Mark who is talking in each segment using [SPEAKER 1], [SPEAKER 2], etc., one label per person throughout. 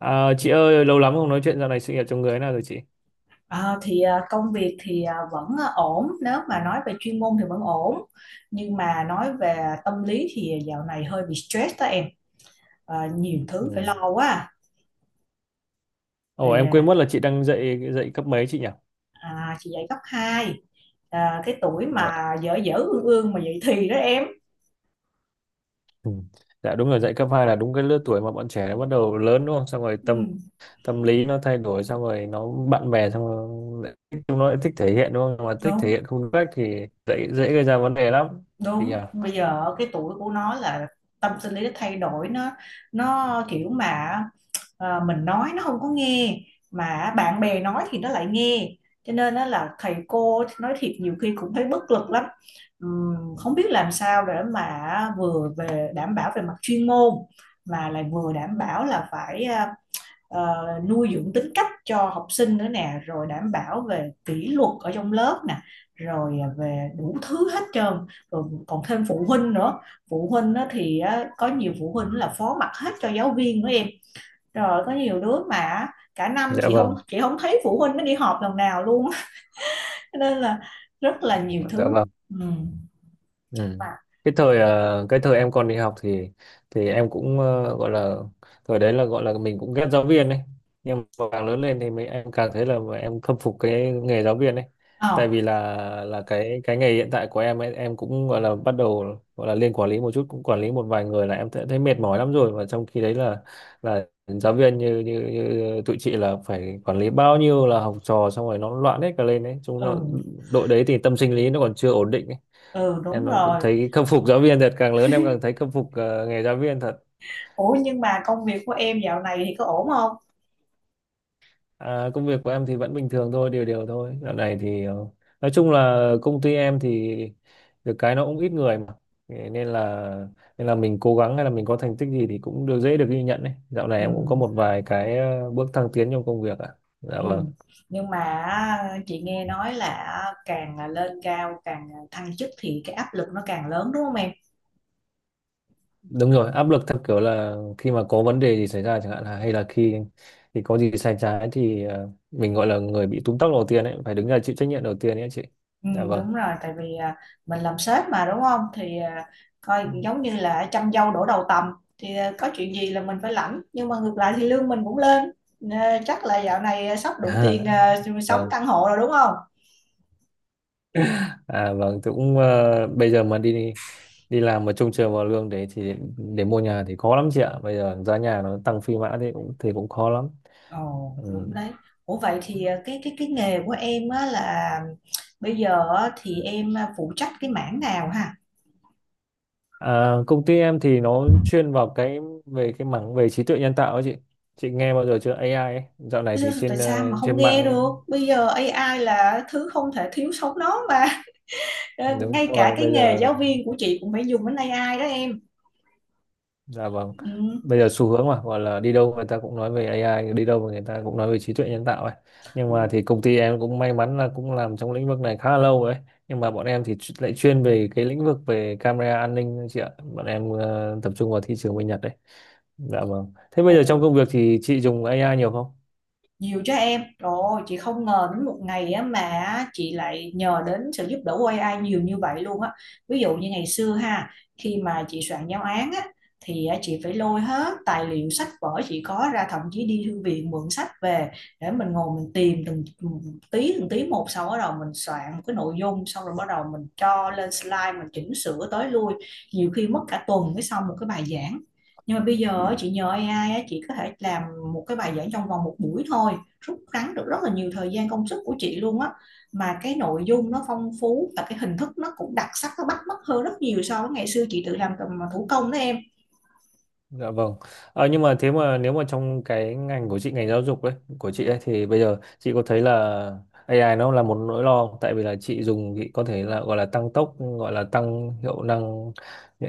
[SPEAKER 1] Chị ơi, lâu lắm không nói chuyện, dạo này sự nghiệp trong người thế nào rồi chị?
[SPEAKER 2] À, thì công việc thì vẫn ổn, nếu mà nói về chuyên môn thì vẫn ổn, nhưng mà nói về tâm lý thì dạo này hơi bị stress đó em. Nhiều thứ phải
[SPEAKER 1] Ừ.
[SPEAKER 2] lo quá à.
[SPEAKER 1] Ồ, em quên mất là chị đang dạy dạy cấp mấy chị nhỉ?
[SPEAKER 2] À, chị dạy cấp hai. À, cái tuổi
[SPEAKER 1] Dạ.
[SPEAKER 2] mà dở dở ương ương mà dậy thì đó em.
[SPEAKER 1] Ừ. Dạ đúng rồi, dạy cấp 2 là đúng cái lứa tuổi mà bọn trẻ nó bắt đầu lớn đúng không? Xong rồi tâm
[SPEAKER 2] Ừ,
[SPEAKER 1] tâm lý nó thay đổi, xong rồi nó bạn bè xong rồi chúng nó lại thích thể hiện đúng không? Mà thích thể
[SPEAKER 2] đúng
[SPEAKER 1] hiện không đúng cách thì dễ dễ gây ra vấn đề lắm chị nhỉ?
[SPEAKER 2] đúng, bây giờ cái tuổi của nó là tâm sinh lý nó thay đổi, nó kiểu mà. Ờ, mình nói nó không có nghe, mà bạn bè nói thì nó lại nghe, cho nên đó là thầy cô nói thiệt nhiều khi cũng thấy bất lực lắm. Không biết làm sao để mà vừa về đảm bảo về mặt chuyên môn, mà lại vừa đảm bảo là phải nuôi dưỡng tính cách cho học sinh nữa nè, rồi đảm bảo về kỷ luật ở trong lớp nè, rồi về đủ thứ hết trơn, rồi còn thêm phụ huynh nữa. Phụ huynh á thì á, có nhiều phụ huynh là phó mặc hết cho giáo viên nữa em. Rồi có nhiều đứa mà cả năm
[SPEAKER 1] Dạ vâng.
[SPEAKER 2] chị không thấy phụ huynh nó đi họp lần nào luôn. Cho nên là rất là nhiều
[SPEAKER 1] Dạ
[SPEAKER 2] thứ.
[SPEAKER 1] vâng.
[SPEAKER 2] Ừ.
[SPEAKER 1] Ừ.
[SPEAKER 2] Mà
[SPEAKER 1] Cái thời cái thời em còn đi học thì em cũng gọi là thời đấy là gọi là mình cũng ghét giáo viên đấy, nhưng mà càng lớn lên thì em càng thấy là mà em khâm phục cái nghề giáo viên đấy, tại
[SPEAKER 2] ờ
[SPEAKER 1] vì là cái nghề hiện tại của em ấy, em cũng gọi là bắt đầu gọi là lên quản lý một chút, cũng quản lý một vài người là em thấy, thấy mệt mỏi lắm rồi, và trong khi đấy là giáo viên như tụi chị là phải quản lý bao nhiêu là học trò, xong rồi nó loạn hết cả lên đấy, chúng nó
[SPEAKER 2] ừ,
[SPEAKER 1] đội đấy thì tâm sinh lý nó còn chưa ổn định ấy.
[SPEAKER 2] ừ,
[SPEAKER 1] Em
[SPEAKER 2] đúng
[SPEAKER 1] cũng
[SPEAKER 2] rồi.
[SPEAKER 1] thấy khâm phục giáo viên thật, càng lớn em càng thấy khâm phục nghề giáo viên thật.
[SPEAKER 2] Ủa, nhưng mà công việc của em dạo này thì có ổn không?
[SPEAKER 1] Công việc của em thì vẫn bình thường thôi, đều đều thôi, dạo này thì nói chung là công ty em thì được cái nó cũng ít người mà. Thế nên là mình cố gắng hay là mình có thành tích gì thì cũng được, dễ được ghi nhận đấy. Dạo này
[SPEAKER 2] Ừ,
[SPEAKER 1] em cũng có một vài cái bước thăng tiến trong công việc ạ. Dạ
[SPEAKER 2] ừ,
[SPEAKER 1] vâng,
[SPEAKER 2] nhưng mà chị nghe nói là càng lên cao càng thăng chức thì cái áp lực nó càng lớn đúng không em?
[SPEAKER 1] đúng rồi, áp lực theo kiểu là khi mà có vấn đề gì xảy ra chẳng hạn, là hay là khi thì có gì sai trái thì mình gọi là người bị túm tóc đầu tiên ấy, phải đứng ra chịu trách nhiệm đầu tiên ấy chị.
[SPEAKER 2] Ừ,
[SPEAKER 1] Dạ vâng.
[SPEAKER 2] đúng rồi, tại vì mình làm sếp mà đúng không, thì coi giống như là trăm dâu đổ đầu tầm, thì có chuyện gì là mình phải lãnh, nhưng mà ngược lại thì lương mình cũng lên. Nè, chắc là dạo này sắp đủ tiền sống
[SPEAKER 1] Vâng,
[SPEAKER 2] căn hộ rồi đúng không?
[SPEAKER 1] à vâng, tôi cũng bây giờ mà đi đi làm mà trông chờ vào lương đấy thì để mua nhà thì khó lắm chị ạ. Bây giờ giá nhà nó tăng phi mã thì cũng khó lắm.
[SPEAKER 2] Ồ, đúng đấy. Ủa, vậy
[SPEAKER 1] Ừ.
[SPEAKER 2] thì cái nghề của em á là bây giờ á, thì em phụ trách cái mảng nào ha?
[SPEAKER 1] À, công ty em thì nó chuyên vào về cái mảng về trí tuệ nhân tạo ấy chị. Chị nghe bao giờ chưa AI ấy. Dạo này
[SPEAKER 2] Tại sao
[SPEAKER 1] thì trên
[SPEAKER 2] tại sao mà không
[SPEAKER 1] trên
[SPEAKER 2] nghe được?
[SPEAKER 1] mạng
[SPEAKER 2] Bây giờ AI là thứ không thể thiếu sống nó mà. Ờ,
[SPEAKER 1] đúng
[SPEAKER 2] ngay cả
[SPEAKER 1] rồi,
[SPEAKER 2] cái
[SPEAKER 1] bây
[SPEAKER 2] nghề
[SPEAKER 1] giờ.
[SPEAKER 2] giáo viên của chị cũng phải dùng đến AI đó em.
[SPEAKER 1] Dạ vâng.
[SPEAKER 2] Ừ.
[SPEAKER 1] Bây giờ xu hướng mà gọi là đi đâu người ta cũng nói về AI, đi đâu mà người ta cũng nói về trí tuệ nhân tạo ấy. Nhưng mà thì công ty em cũng may mắn là cũng làm trong lĩnh vực này khá là lâu rồi ấy. Nhưng mà bọn em thì lại chuyên về cái lĩnh vực về camera an ninh ấy chị ạ. Bọn em tập trung vào thị trường bên Nhật đấy. Dạ vâng. Thế bây
[SPEAKER 2] Ồ,
[SPEAKER 1] giờ trong công việc thì chị dùng AI nhiều không?
[SPEAKER 2] nhiều cho em rồi, chị không ngờ đến một ngày á mà chị lại nhờ đến sự giúp đỡ của AI nhiều như vậy luôn á. Ví dụ như ngày xưa ha, khi mà chị soạn giáo án á thì á, chị phải lôi hết tài liệu sách vở chị có ra, thậm chí đi thư viện mượn sách về, để mình ngồi mình tìm từng tí một, xong bắt đầu mình soạn một cái nội dung, xong rồi bắt đầu mình cho lên slide mình chỉnh sửa tới lui. Nhiều khi mất cả tuần mới xong một cái bài giảng. Nhưng mà bây giờ á, chị nhờ AI á, chị có thể làm một cái bài giảng trong vòng một buổi thôi, rút ngắn được rất là nhiều thời gian công sức của chị luôn á. Mà cái nội dung nó phong phú và cái hình thức nó cũng đặc sắc, nó bắt mắt hơn rất nhiều so với ngày xưa chị tự làm cầm thủ công đó em.
[SPEAKER 1] Dạ vâng. Ờ, nhưng mà thế mà nếu mà trong cái ngành của chị, ngành giáo dục ấy, của chị ấy, thì bây giờ chị có thấy là AI nó là một nỗi lo không? Tại vì là chị dùng thì có thể là gọi là tăng tốc, gọi là tăng hiệu năng,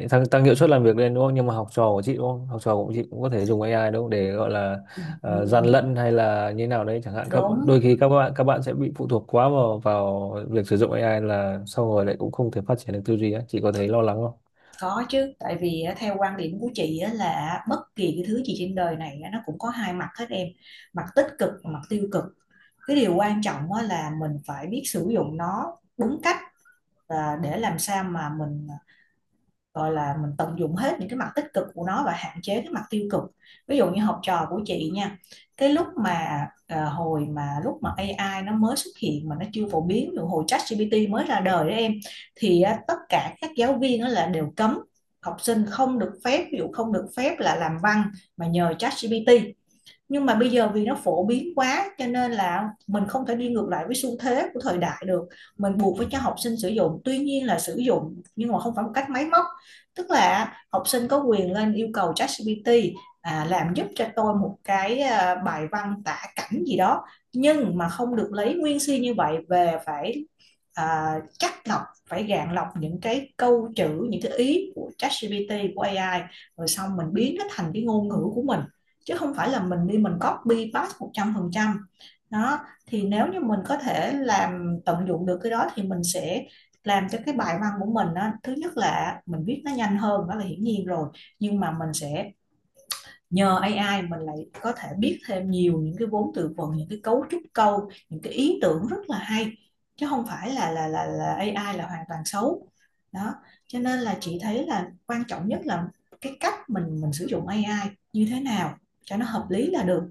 [SPEAKER 1] tăng hiệu suất làm việc lên đúng không? Nhưng mà học trò của chị đúng không? Học trò của chị cũng có thể dùng AI đúng không? Để gọi là gian
[SPEAKER 2] Ừ,
[SPEAKER 1] lận hay là như nào đấy chẳng hạn,
[SPEAKER 2] đúng,
[SPEAKER 1] đôi khi các bạn sẽ bị phụ thuộc quá vào vào việc sử dụng AI, là sau rồi lại cũng không thể phát triển được tư duy ấy. Chị có thấy lo lắng không?
[SPEAKER 2] có chứ. Tại vì á, theo quan điểm của chị á, là bất kỳ cái thứ gì trên đời này á, nó cũng có hai mặt hết em. Mặt tích cực và mặt tiêu cực. Cái điều quan trọng á, là mình phải biết sử dụng nó đúng cách và để làm sao mà mình gọi là mình tận dụng hết những cái mặt tích cực của nó và hạn chế cái mặt tiêu cực. Ví dụ như học trò của chị nha, cái lúc mà ờ, hồi mà lúc mà AI nó mới xuất hiện, mà nó chưa phổ biến, ví hồi ChatGPT mới ra đời đó em, thì á, tất cả các giáo viên đó là đều cấm học sinh không được phép, ví dụ không được phép là làm văn mà nhờ ChatGPT. Nhưng mà bây giờ vì nó phổ biến quá cho nên là mình không thể đi ngược lại với xu thế của thời đại được, mình buộc phải cho học sinh sử dụng, tuy nhiên là sử dụng nhưng mà không phải một cách máy móc. Tức là học sinh có quyền lên yêu cầu ChatGPT làm giúp cho tôi một cái bài văn tả cảnh gì đó, nhưng mà không được lấy nguyên si như vậy về, phải chắc lọc, phải gạn lọc những cái câu chữ, những cái ý của ChatGPT, của AI, rồi xong mình biến nó thành cái ngôn ngữ của mình, chứ không phải là mình đi mình copy paste 100%. Đó, thì nếu như mình có thể làm tận dụng được cái đó thì mình sẽ làm cho cái bài văn của mình á, thứ nhất là mình viết nó nhanh hơn, đó là hiển nhiên rồi, nhưng mà mình sẽ nhờ AI mình lại có thể biết thêm nhiều những cái vốn từ vựng, những cái cấu trúc câu, những cái ý tưởng rất là hay, chứ không phải là AI là hoàn toàn xấu. Đó, cho nên là chị thấy là quan trọng nhất là cái cách mình sử dụng AI như thế nào cho nó hợp lý là được.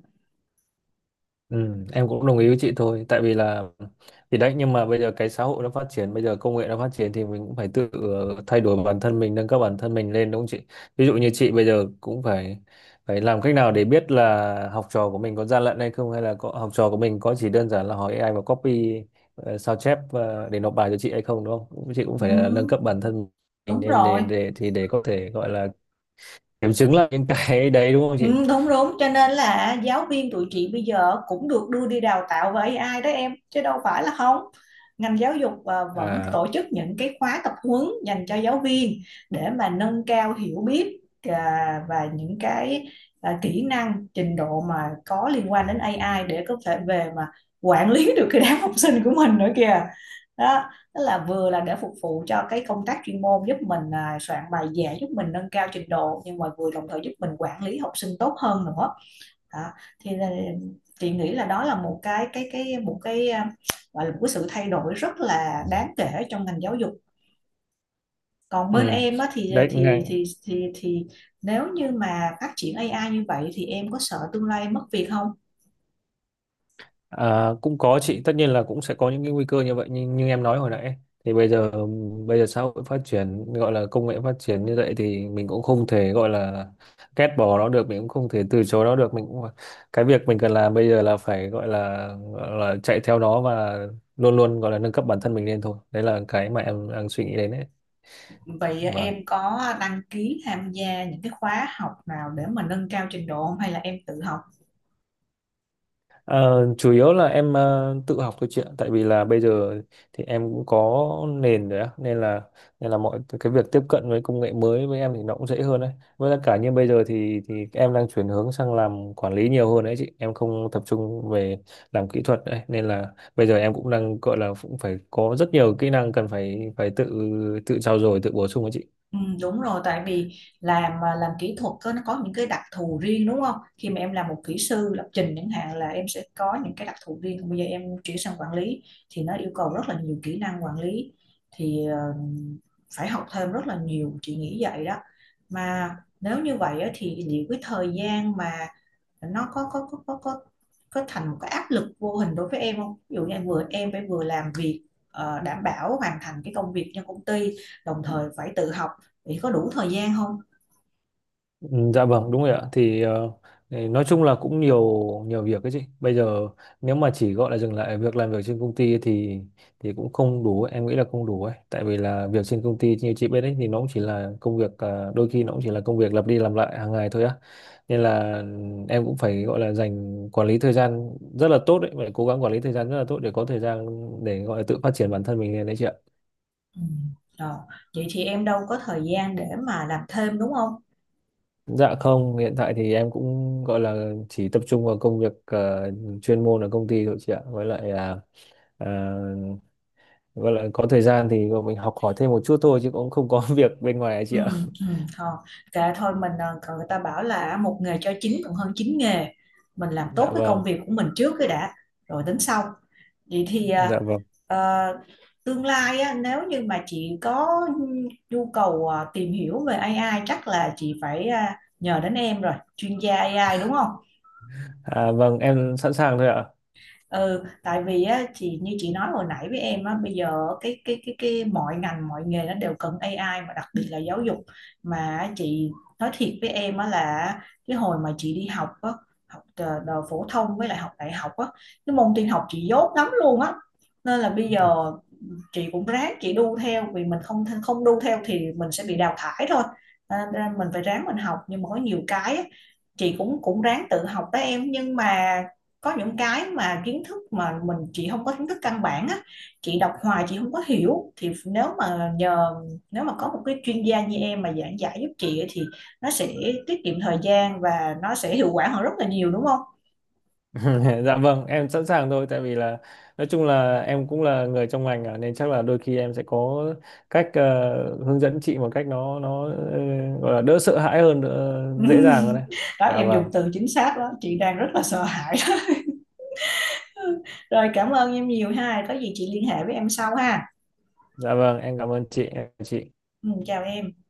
[SPEAKER 1] Ừ, em cũng đồng ý với chị thôi, tại vì là thì đấy, nhưng mà bây giờ cái xã hội nó phát triển, bây giờ công nghệ nó phát triển thì mình cũng phải tự thay đổi bản thân mình, nâng cấp bản thân mình lên đúng không chị. Ví dụ như chị bây giờ cũng phải phải làm cách nào để biết là học trò của mình có gian lận hay không, hay là học trò của mình có chỉ đơn giản là hỏi AI và copy, sao chép để nộp bài cho chị hay không, đúng không chị cũng phải
[SPEAKER 2] Ừ,
[SPEAKER 1] là nâng cấp bản thân mình
[SPEAKER 2] đúng
[SPEAKER 1] lên
[SPEAKER 2] rồi.
[SPEAKER 1] để thì để có thể gọi là kiểm chứng lại những cái đấy đúng không chị.
[SPEAKER 2] Ừ, đúng đúng, cho nên là giáo viên tụi chị bây giờ cũng được đưa đi đào tạo với AI đó em, chứ đâu phải là không. Ngành giáo dục vẫn
[SPEAKER 1] À
[SPEAKER 2] tổ chức những cái khóa tập huấn dành cho giáo viên để mà nâng cao hiểu biết và những cái kỹ năng trình độ mà có liên quan đến AI, để có thể về mà quản lý được cái đám học sinh của mình nữa kìa. Đó, tức là vừa là để phục vụ cho cái công tác chuyên môn, giúp mình soạn bài dễ, giúp mình nâng cao trình độ, nhưng mà vừa đồng thời giúp mình quản lý học sinh tốt hơn nữa. Đó. Thì chị nghĩ là đó là một cái một cái à, gọi là một cái sự thay đổi rất là đáng kể trong ngành giáo dục. Còn bên
[SPEAKER 1] ừ
[SPEAKER 2] em á, thì à,
[SPEAKER 1] đấy.
[SPEAKER 2] thì thì nếu như mà phát triển AI như vậy thì em có sợ tương lai mất việc không?
[SPEAKER 1] À, cũng có chị, tất nhiên là cũng sẽ có những cái nguy cơ như vậy, nhưng như em nói hồi nãy thì bây giờ, xã hội phát triển, gọi là công nghệ phát triển như vậy thì mình cũng không thể gọi là ghét bỏ nó được, mình cũng không thể từ chối nó được, mình cũng cái việc mình cần làm bây giờ là phải gọi là chạy theo nó và luôn luôn gọi là nâng cấp bản thân mình lên thôi, đấy là cái mà em đang suy nghĩ đến
[SPEAKER 2] Vậy
[SPEAKER 1] đấy.
[SPEAKER 2] em có đăng ký tham gia những cái khóa học nào để mà nâng cao trình độ không hay là em tự học?
[SPEAKER 1] Ờ, chủ yếu là em tự học thôi chị ạ, tại vì là bây giờ thì em cũng có nền rồi á, nên là mọi cái việc tiếp cận với công nghệ mới với em thì nó cũng dễ hơn đấy. Với lại cả như bây giờ thì em đang chuyển hướng sang làm quản lý nhiều hơn đấy chị, em không tập trung về làm kỹ thuật đấy, nên là bây giờ em cũng đang gọi là cũng phải có rất nhiều kỹ năng cần phải phải tự tự trau dồi, tự bổ sung đấy chị.
[SPEAKER 2] Ừ, đúng rồi, tại vì làm mà làm kỹ thuật nó có những cái đặc thù riêng đúng không, khi mà em làm một kỹ sư lập trình chẳng hạn là em sẽ có những cái đặc thù riêng. Còn bây giờ em chuyển sang quản lý thì nó yêu cầu rất là nhiều kỹ năng quản lý, thì phải học thêm rất là nhiều chị nghĩ vậy đó. Mà nếu như vậy á, thì liệu cái thời gian mà nó có thành một cái áp lực vô hình đối với em không? Ví dụ như em vừa em phải vừa làm việc đảm bảo hoàn thành cái công việc cho công ty, đồng thời phải tự học thì có đủ thời gian không?
[SPEAKER 1] Ừ, dạ vâng đúng rồi ạ, thì thì nói chung là cũng nhiều nhiều việc ấy chị. Bây giờ nếu mà chỉ gọi là dừng lại việc làm việc trên công ty thì cũng không đủ, em nghĩ là không đủ ấy, tại vì là việc trên công ty như chị biết ấy thì nó cũng chỉ là công việc đôi khi nó cũng chỉ là công việc lặp đi lặp lại hàng ngày thôi á. Nên là ừ, em cũng phải gọi là dành quản lý thời gian rất là tốt đấy, phải cố gắng quản lý thời gian rất là tốt để có thời gian để gọi là tự phát triển bản thân mình lên đấy chị ạ.
[SPEAKER 2] Ừ. Rồi. Vậy thì em đâu có thời gian để mà làm thêm đúng không?
[SPEAKER 1] Dạ không, hiện tại thì em cũng gọi là chỉ tập trung vào công việc chuyên môn ở công ty thôi chị ạ. Với lại là ờ, gọi là có thời gian thì mình học hỏi thêm một chút thôi chứ cũng không có việc bên ngoài ấy chị
[SPEAKER 2] Ừ,
[SPEAKER 1] ạ.
[SPEAKER 2] ừ, thôi kệ thôi mình còn người ta bảo là một nghề cho chín còn hơn chín nghề, mình làm tốt
[SPEAKER 1] Dạ
[SPEAKER 2] cái công
[SPEAKER 1] vâng,
[SPEAKER 2] việc của mình trước cái đã, rồi tính sau. Vậy thì
[SPEAKER 1] dạ vâng.
[SPEAKER 2] ờ, tương lai á, nếu như mà chị có nhu cầu tìm hiểu về AI chắc là chị phải nhờ đến em rồi, chuyên gia AI đúng không?
[SPEAKER 1] À vâng, em sẵn sàng thôi ạ.
[SPEAKER 2] Ừ, tại vì á chị, như chị nói hồi nãy với em á, bây giờ cái mọi ngành mọi nghề nó đều cần AI, mà đặc biệt là giáo dục. Mà chị nói thiệt với em á là cái hồi mà chị đi học á, học đờ- đờ phổ thông với lại học đại học á, cái môn tin học chị dốt lắm luôn á. Nên là bây giờ chị cũng ráng chị đu theo, vì mình không không đu theo thì mình sẽ bị đào thải thôi. à, mình phải ráng mình học, nhưng mà có nhiều cái chị cũng cũng ráng tự học đó em, nhưng mà có những cái mà kiến thức mà chị không có kiến thức căn bản á, chị đọc hoài chị không có hiểu, thì nếu mà có một cái chuyên gia như em mà giảng giải giúp chị thì nó sẽ tiết kiệm thời gian và nó sẽ hiệu quả hơn rất là nhiều đúng không?
[SPEAKER 1] Dạ vâng, em sẵn sàng thôi, tại vì là nói chung là em cũng là người trong ngành à, nên chắc là đôi khi em sẽ có cách hướng dẫn chị một cách nó gọi là đỡ sợ hãi hơn, đỡ, dễ dàng hơn đấy.
[SPEAKER 2] Đó
[SPEAKER 1] Dạ
[SPEAKER 2] em dùng
[SPEAKER 1] vâng.
[SPEAKER 2] từ chính xác đó, chị đang rất là sợ hãi. Rồi cảm ơn em nhiều ha, có gì chị liên hệ với em sau ha.
[SPEAKER 1] Dạ vâng, em cảm ơn chị, em chào chị.
[SPEAKER 2] Ừ, chào em.